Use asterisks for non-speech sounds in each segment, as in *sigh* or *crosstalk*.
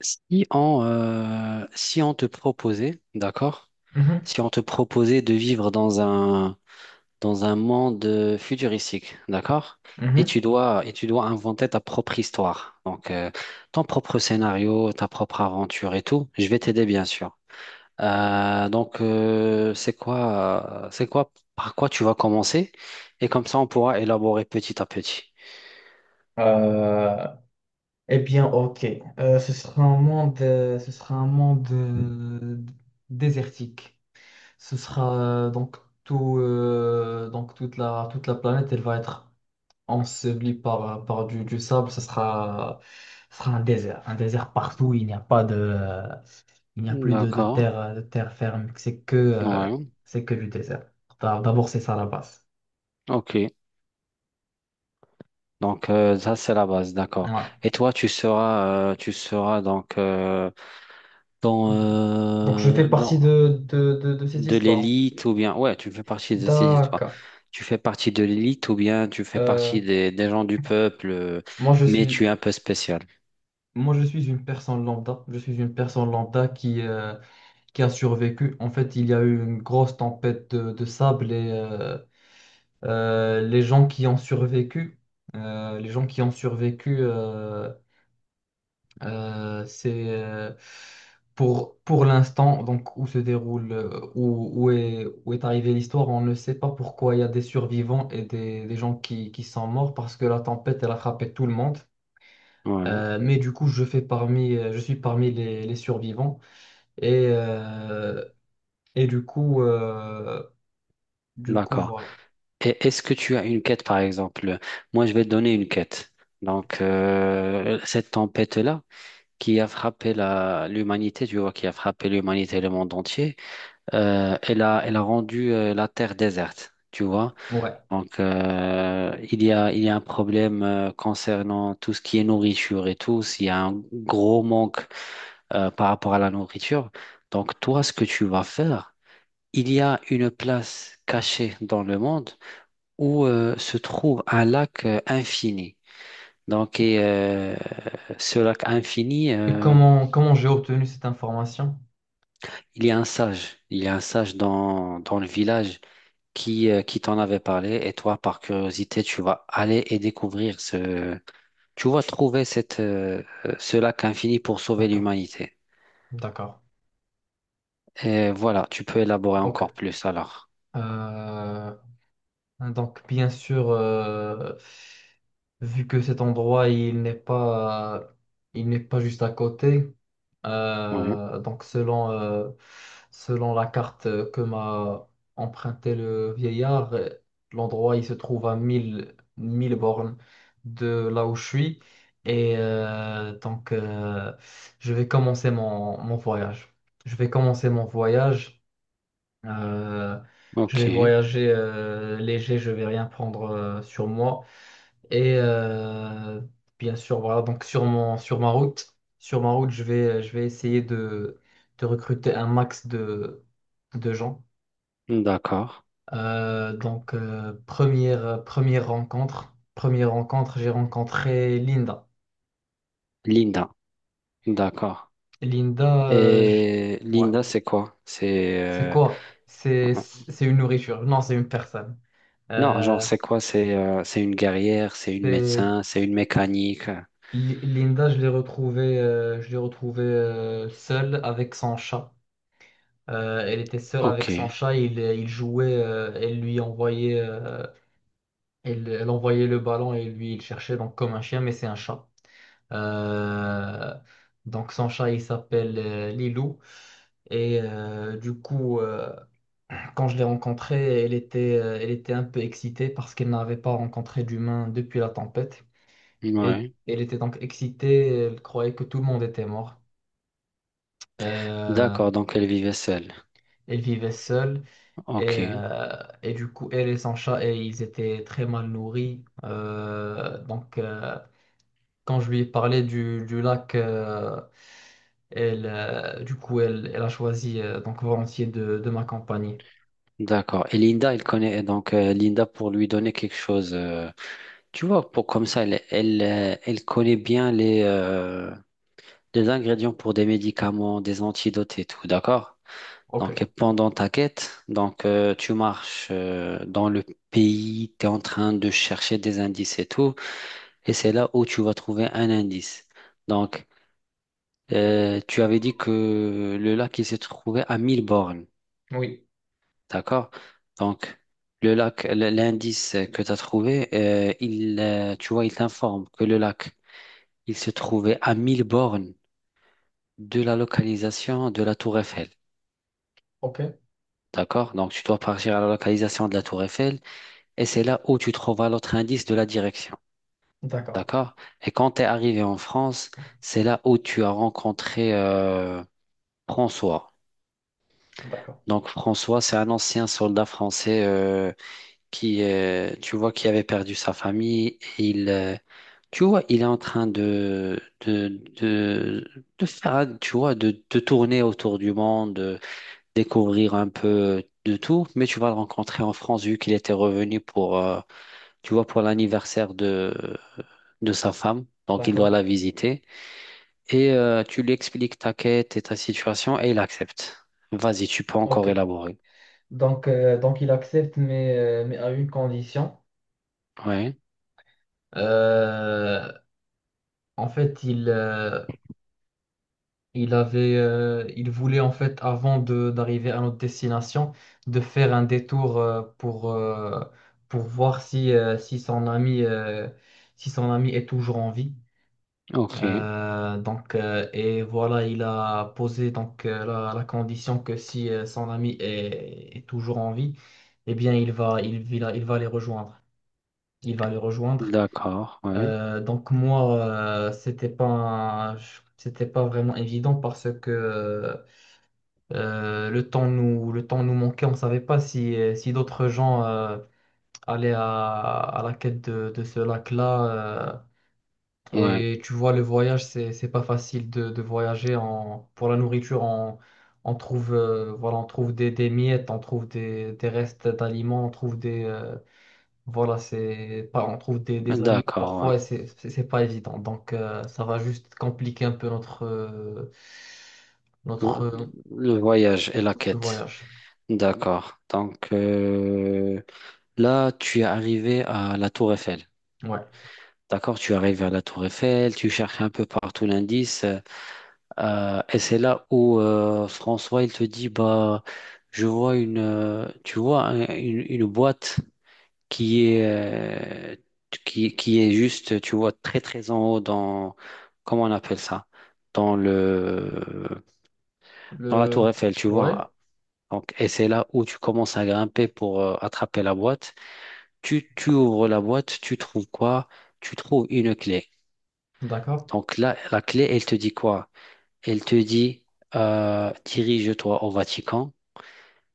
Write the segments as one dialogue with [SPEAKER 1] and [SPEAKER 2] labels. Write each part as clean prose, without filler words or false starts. [SPEAKER 1] Si on te proposait, d'accord?
[SPEAKER 2] Mhm,
[SPEAKER 1] Si on te proposait de vivre dans un monde futuristique, d'accord? Et
[SPEAKER 2] mhm.
[SPEAKER 1] tu dois, et tu dois inventer ta propre histoire. Donc, ton propre scénario, ta propre aventure et tout. Je vais t'aider, bien sûr. Donc, c'est quoi, par quoi tu vas commencer? Et comme ça, on pourra élaborer petit à petit.
[SPEAKER 2] Euh, eh bien, ok. Ce sera un monde, ce sera un monde désertique. Ce sera donc tout, donc toute la planète, elle va être ensevelie par du sable. Ce sera un désert partout. Il n'y a pas de, il n'y a plus de, de
[SPEAKER 1] D'accord.
[SPEAKER 2] terre, de terre ferme. C'est que, euh,
[SPEAKER 1] Ouais.
[SPEAKER 2] c'est que du désert. D'abord, c'est ça la base.
[SPEAKER 1] Ok. Donc, ça c'est la base, d'accord.
[SPEAKER 2] Ouais.
[SPEAKER 1] Et toi, tu seras donc, dans
[SPEAKER 2] Donc, je
[SPEAKER 1] euh,
[SPEAKER 2] fais partie
[SPEAKER 1] dans
[SPEAKER 2] de cette
[SPEAKER 1] de
[SPEAKER 2] histoire.
[SPEAKER 1] l'élite ou bien, ouais, tu fais partie de ces histoires.
[SPEAKER 2] D'accord.
[SPEAKER 1] Tu fais partie de l'élite ou bien tu fais
[SPEAKER 2] Euh,
[SPEAKER 1] partie des gens du peuple,
[SPEAKER 2] moi, je
[SPEAKER 1] mais
[SPEAKER 2] suis,
[SPEAKER 1] tu es un peu spécial.
[SPEAKER 2] moi, je suis une personne lambda. Je suis une personne lambda qui qui a survécu. En fait, il y a eu une grosse tempête de sable et euh, les gens qui ont survécu, les gens qui ont survécu, euh, c'est euh, pour l'instant, donc où se déroule, où est arrivée l'histoire, on ne sait pas pourquoi il y a des survivants et des gens qui sont morts parce que la tempête, elle a frappé tout le monde.
[SPEAKER 1] Ouais,
[SPEAKER 2] Mais du coup, je suis parmi les survivants. Et, euh, et du coup,
[SPEAKER 1] d'accord.
[SPEAKER 2] voilà.
[SPEAKER 1] Et est-ce que tu as une quête, par exemple? Moi, je vais te donner une quête. Donc, cette tempête-là qui a frappé la l'humanité, tu vois, qui a frappé l'humanité et le monde entier. Elle a rendu la terre déserte, tu vois.
[SPEAKER 2] Ouais.
[SPEAKER 1] Donc, il y a un problème concernant tout ce qui est nourriture et tout. S'il y a un gros manque par rapport à la nourriture, donc toi, ce que tu vas faire, il y a une place cachée dans le monde où se trouve un lac infini. Donc, et, ce lac infini,
[SPEAKER 2] Et comment j'ai obtenu cette information?
[SPEAKER 1] il y a un sage. Il y a un sage dans le village. Qui t'en avait parlé, et toi, par curiosité, tu vas aller et découvrir ce... Tu vas trouver ce lac infini pour sauver
[SPEAKER 2] D'accord,
[SPEAKER 1] l'humanité.
[SPEAKER 2] d'accord.
[SPEAKER 1] Et voilà, tu peux élaborer encore
[SPEAKER 2] Ok.
[SPEAKER 1] plus alors.
[SPEAKER 2] Euh, donc, bien sûr, vu que cet endroit, il n'est pas juste à côté.
[SPEAKER 1] Oui,
[SPEAKER 2] Donc selon la carte que m'a emprunté le vieillard, l'endroit il se trouve à 1000 1000 bornes de là où je suis. Et donc, je vais commencer mon, mon voyage. Je vais commencer mon voyage. Euh, je vais
[SPEAKER 1] ok,
[SPEAKER 2] voyager léger, je vais rien prendre sur moi. Et bien sûr, voilà, sur ma route, je vais essayer de recruter un max de gens.
[SPEAKER 1] d'accord.
[SPEAKER 2] Première rencontre, j'ai rencontré Linda.
[SPEAKER 1] Linda, d'accord.
[SPEAKER 2] Linda,
[SPEAKER 1] Et
[SPEAKER 2] ouais,
[SPEAKER 1] Linda, c'est quoi?
[SPEAKER 2] c'est quoi? C'est une nourriture. Non, c'est une personne.
[SPEAKER 1] Non, genre,
[SPEAKER 2] Euh,
[SPEAKER 1] c'est quoi? C'est une guerrière, c'est une
[SPEAKER 2] c'est
[SPEAKER 1] médecin, c'est une mécanique.
[SPEAKER 2] Linda, je l'ai retrouvée seule avec son chat. Elle était seule avec son
[SPEAKER 1] Ok,
[SPEAKER 2] chat, il jouait, elle envoyait le ballon et lui il cherchait donc comme un chien, mais c'est un chat. Euh, donc son chat il s'appelle Lilou et du coup, quand je l'ai rencontrée, elle était un peu excitée parce qu'elle n'avait pas rencontré d'humain depuis la tempête. Et
[SPEAKER 1] ouais.
[SPEAKER 2] elle était donc excitée, elle croyait que tout le monde était mort. Euh,
[SPEAKER 1] D'accord, donc elle vivait seule.
[SPEAKER 2] elle vivait seule. Et,
[SPEAKER 1] Ok.
[SPEAKER 2] euh, et du coup, elle et son chat, et ils étaient très mal nourris. Donc, quand je lui ai parlé du lac, elle, du coup, elle, elle a choisi donc volontiers de m'accompagner.
[SPEAKER 1] D'accord. Et Linda, elle connaît donc, Linda pour lui donner quelque chose. Tu vois, pour comme ça, elle connaît bien les ingrédients pour des médicaments, des antidotes et tout. D'accord?
[SPEAKER 2] Ok,
[SPEAKER 1] Donc, pendant ta quête, tu marches dans le pays, tu es en train de chercher des indices et tout, et c'est là où tu vas trouver un indice. Donc, tu avais dit que le lac il se trouvait à 1000 bornes.
[SPEAKER 2] oui,
[SPEAKER 1] D'accord? Donc, l'indice que tu as trouvé, tu vois, il t'informe que le lac, il se trouvait à 1000 bornes de la localisation de la Tour Eiffel.
[SPEAKER 2] ok,
[SPEAKER 1] D'accord? Donc, tu dois partir à la localisation de la Tour Eiffel, et c'est là où tu trouveras l'autre indice de la direction.
[SPEAKER 2] d'accord,
[SPEAKER 1] D'accord? Et quand tu es arrivé en France, c'est là où tu as rencontré, François.
[SPEAKER 2] d'accord,
[SPEAKER 1] Donc, François, c'est un ancien soldat français, tu vois, qui avait perdu sa famille. Tu vois, il est en train de, de faire, tu vois, de tourner autour du monde, de découvrir un peu de tout. Mais tu vas le rencontrer en France, vu qu'il était revenu pour, tu vois, pour l'anniversaire de sa femme. Donc, il doit
[SPEAKER 2] d'accord,
[SPEAKER 1] la visiter. Et tu lui expliques ta quête et ta situation, et il accepte. Vas-y, tu peux encore
[SPEAKER 2] ok.
[SPEAKER 1] élaborer.
[SPEAKER 2] Donc, donc il accepte, mais à une condition.
[SPEAKER 1] Ouais,
[SPEAKER 2] Euh, en fait, il voulait en fait, avant de d'arriver à notre destination, de faire un détour pour voir si son ami est toujours en vie.
[SPEAKER 1] ok,
[SPEAKER 2] Et voilà, il a posé la, la condition que si son ami est, est toujours en vie, eh bien, il va les rejoindre. Il va les rejoindre.
[SPEAKER 1] d'accord, ouais,
[SPEAKER 2] Donc moi, euh, c'était pas, un- c'était pas vraiment évident parce que le temps nous manquait, on ne savait pas si d'autres gens allaient à la quête de ce lac-là.
[SPEAKER 1] ouais.
[SPEAKER 2] Et tu vois, le voyage, c'est pas facile de voyager en, pour la nourriture. On trouve, voilà, on trouve des miettes, on trouve des restes d'aliments, on trouve des, voilà, c'est pas, on trouve des animaux
[SPEAKER 1] D'accord, ouais.
[SPEAKER 2] parfois et c'est pas évident. Donc, ça va juste compliquer un peu
[SPEAKER 1] Le
[SPEAKER 2] notre,
[SPEAKER 1] voyage et la
[SPEAKER 2] notre
[SPEAKER 1] quête.
[SPEAKER 2] voyage.
[SPEAKER 1] D'accord. Donc, là, tu es arrivé à la Tour Eiffel.
[SPEAKER 2] Ouais.
[SPEAKER 1] D'accord, tu arrives à la Tour Eiffel, tu cherches un peu partout l'indice, et c'est là où, François il te dit, bah, je vois une... tu vois, une boîte qui est euh, qui est juste, tu vois, très très en haut, dans comment on appelle ça, dans le dans la
[SPEAKER 2] Le...
[SPEAKER 1] Tour Eiffel, tu
[SPEAKER 2] Ouais,
[SPEAKER 1] vois. Donc, et c'est là où tu commences à grimper pour attraper la boîte. Tu ouvres la boîte, tu trouves quoi? Tu trouves une clé.
[SPEAKER 2] d'accord.
[SPEAKER 1] Donc là, la clé, elle te dit quoi? Elle te dit, dirige-toi au Vatican,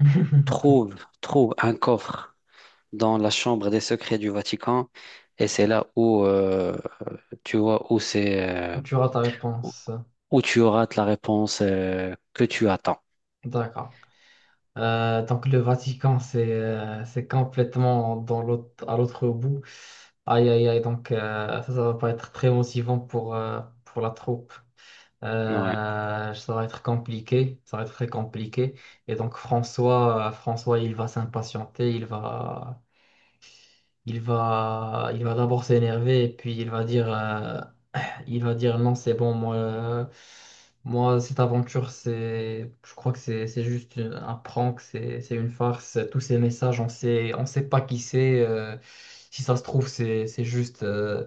[SPEAKER 2] *laughs*
[SPEAKER 1] trouve, trouve un coffre dans la chambre des secrets du Vatican, et c'est là où, tu vois, où c'est
[SPEAKER 2] Tu auras ta
[SPEAKER 1] où
[SPEAKER 2] réponse.
[SPEAKER 1] où tu auras la réponse que tu attends.
[SPEAKER 2] D'accord. Donc le Vatican, c'est complètement dans l'autre, à l'autre bout. Aïe, aïe, aïe. Donc, ça va pas être très motivant pour la troupe.
[SPEAKER 1] Ouais,
[SPEAKER 2] Ça va être compliqué. Ça va être très compliqué. Et donc François, il va s'impatienter. Il va d'abord s'énerver et puis il va dire. Il va dire non, c'est bon, moi, cette aventure, c'est, je crois que c'est juste un prank, c'est une farce. Tous ces messages, on sait pas qui c'est. Si ça se trouve,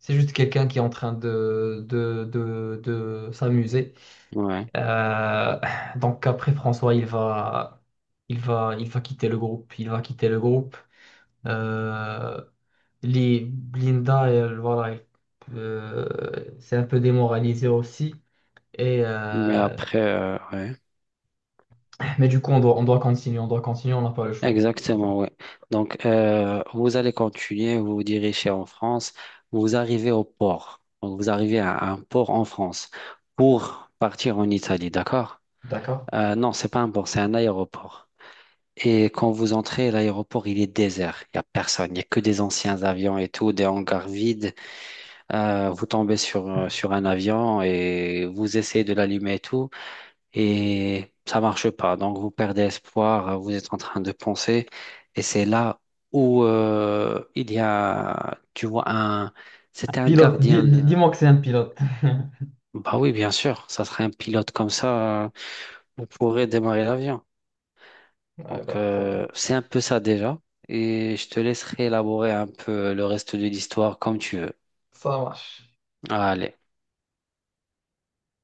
[SPEAKER 2] c'est juste quelqu'un qui est en train de s'amuser.
[SPEAKER 1] ouais.
[SPEAKER 2] Euh, donc après, François, il va quitter le groupe. Il va quitter le groupe. Euh, les Blinda, elle, voilà, c'est un peu démoralisé aussi. Et,
[SPEAKER 1] Mais
[SPEAKER 2] euh,
[SPEAKER 1] après, ouais.
[SPEAKER 2] mais du coup, on doit continuer, on doit continuer, on n'a pas le choix.
[SPEAKER 1] Exactement, oui. Donc, vous allez continuer, vous vous dirigez en France, vous arrivez au port. Donc, vous arrivez à un port en France pour partir en Italie, d'accord?
[SPEAKER 2] D'accord.
[SPEAKER 1] Non, c'est pas un port, c'est un aéroport. Et quand vous entrez, l'aéroport, il est désert. Il n'y a personne, il n'y a que des anciens avions et tout, des hangars vides. Vous tombez sur un avion et vous essayez de l'allumer et tout, et ça marche pas. Donc vous perdez espoir, vous êtes en train de penser, et c'est là où, il y a, tu vois, c'était un
[SPEAKER 2] Pilote,
[SPEAKER 1] gardien.
[SPEAKER 2] dis-moi que c'est un pilote. *laughs*
[SPEAKER 1] Bah oui, bien sûr, ça serait un pilote, comme ça, vous pourrez démarrer l'avion.
[SPEAKER 2] Ouais,
[SPEAKER 1] Donc
[SPEAKER 2] bah, trop bien.
[SPEAKER 1] euh, c'est un peu ça déjà, et je te laisserai élaborer un peu le reste de l'histoire comme tu veux.
[SPEAKER 2] Ça marche.
[SPEAKER 1] Allez.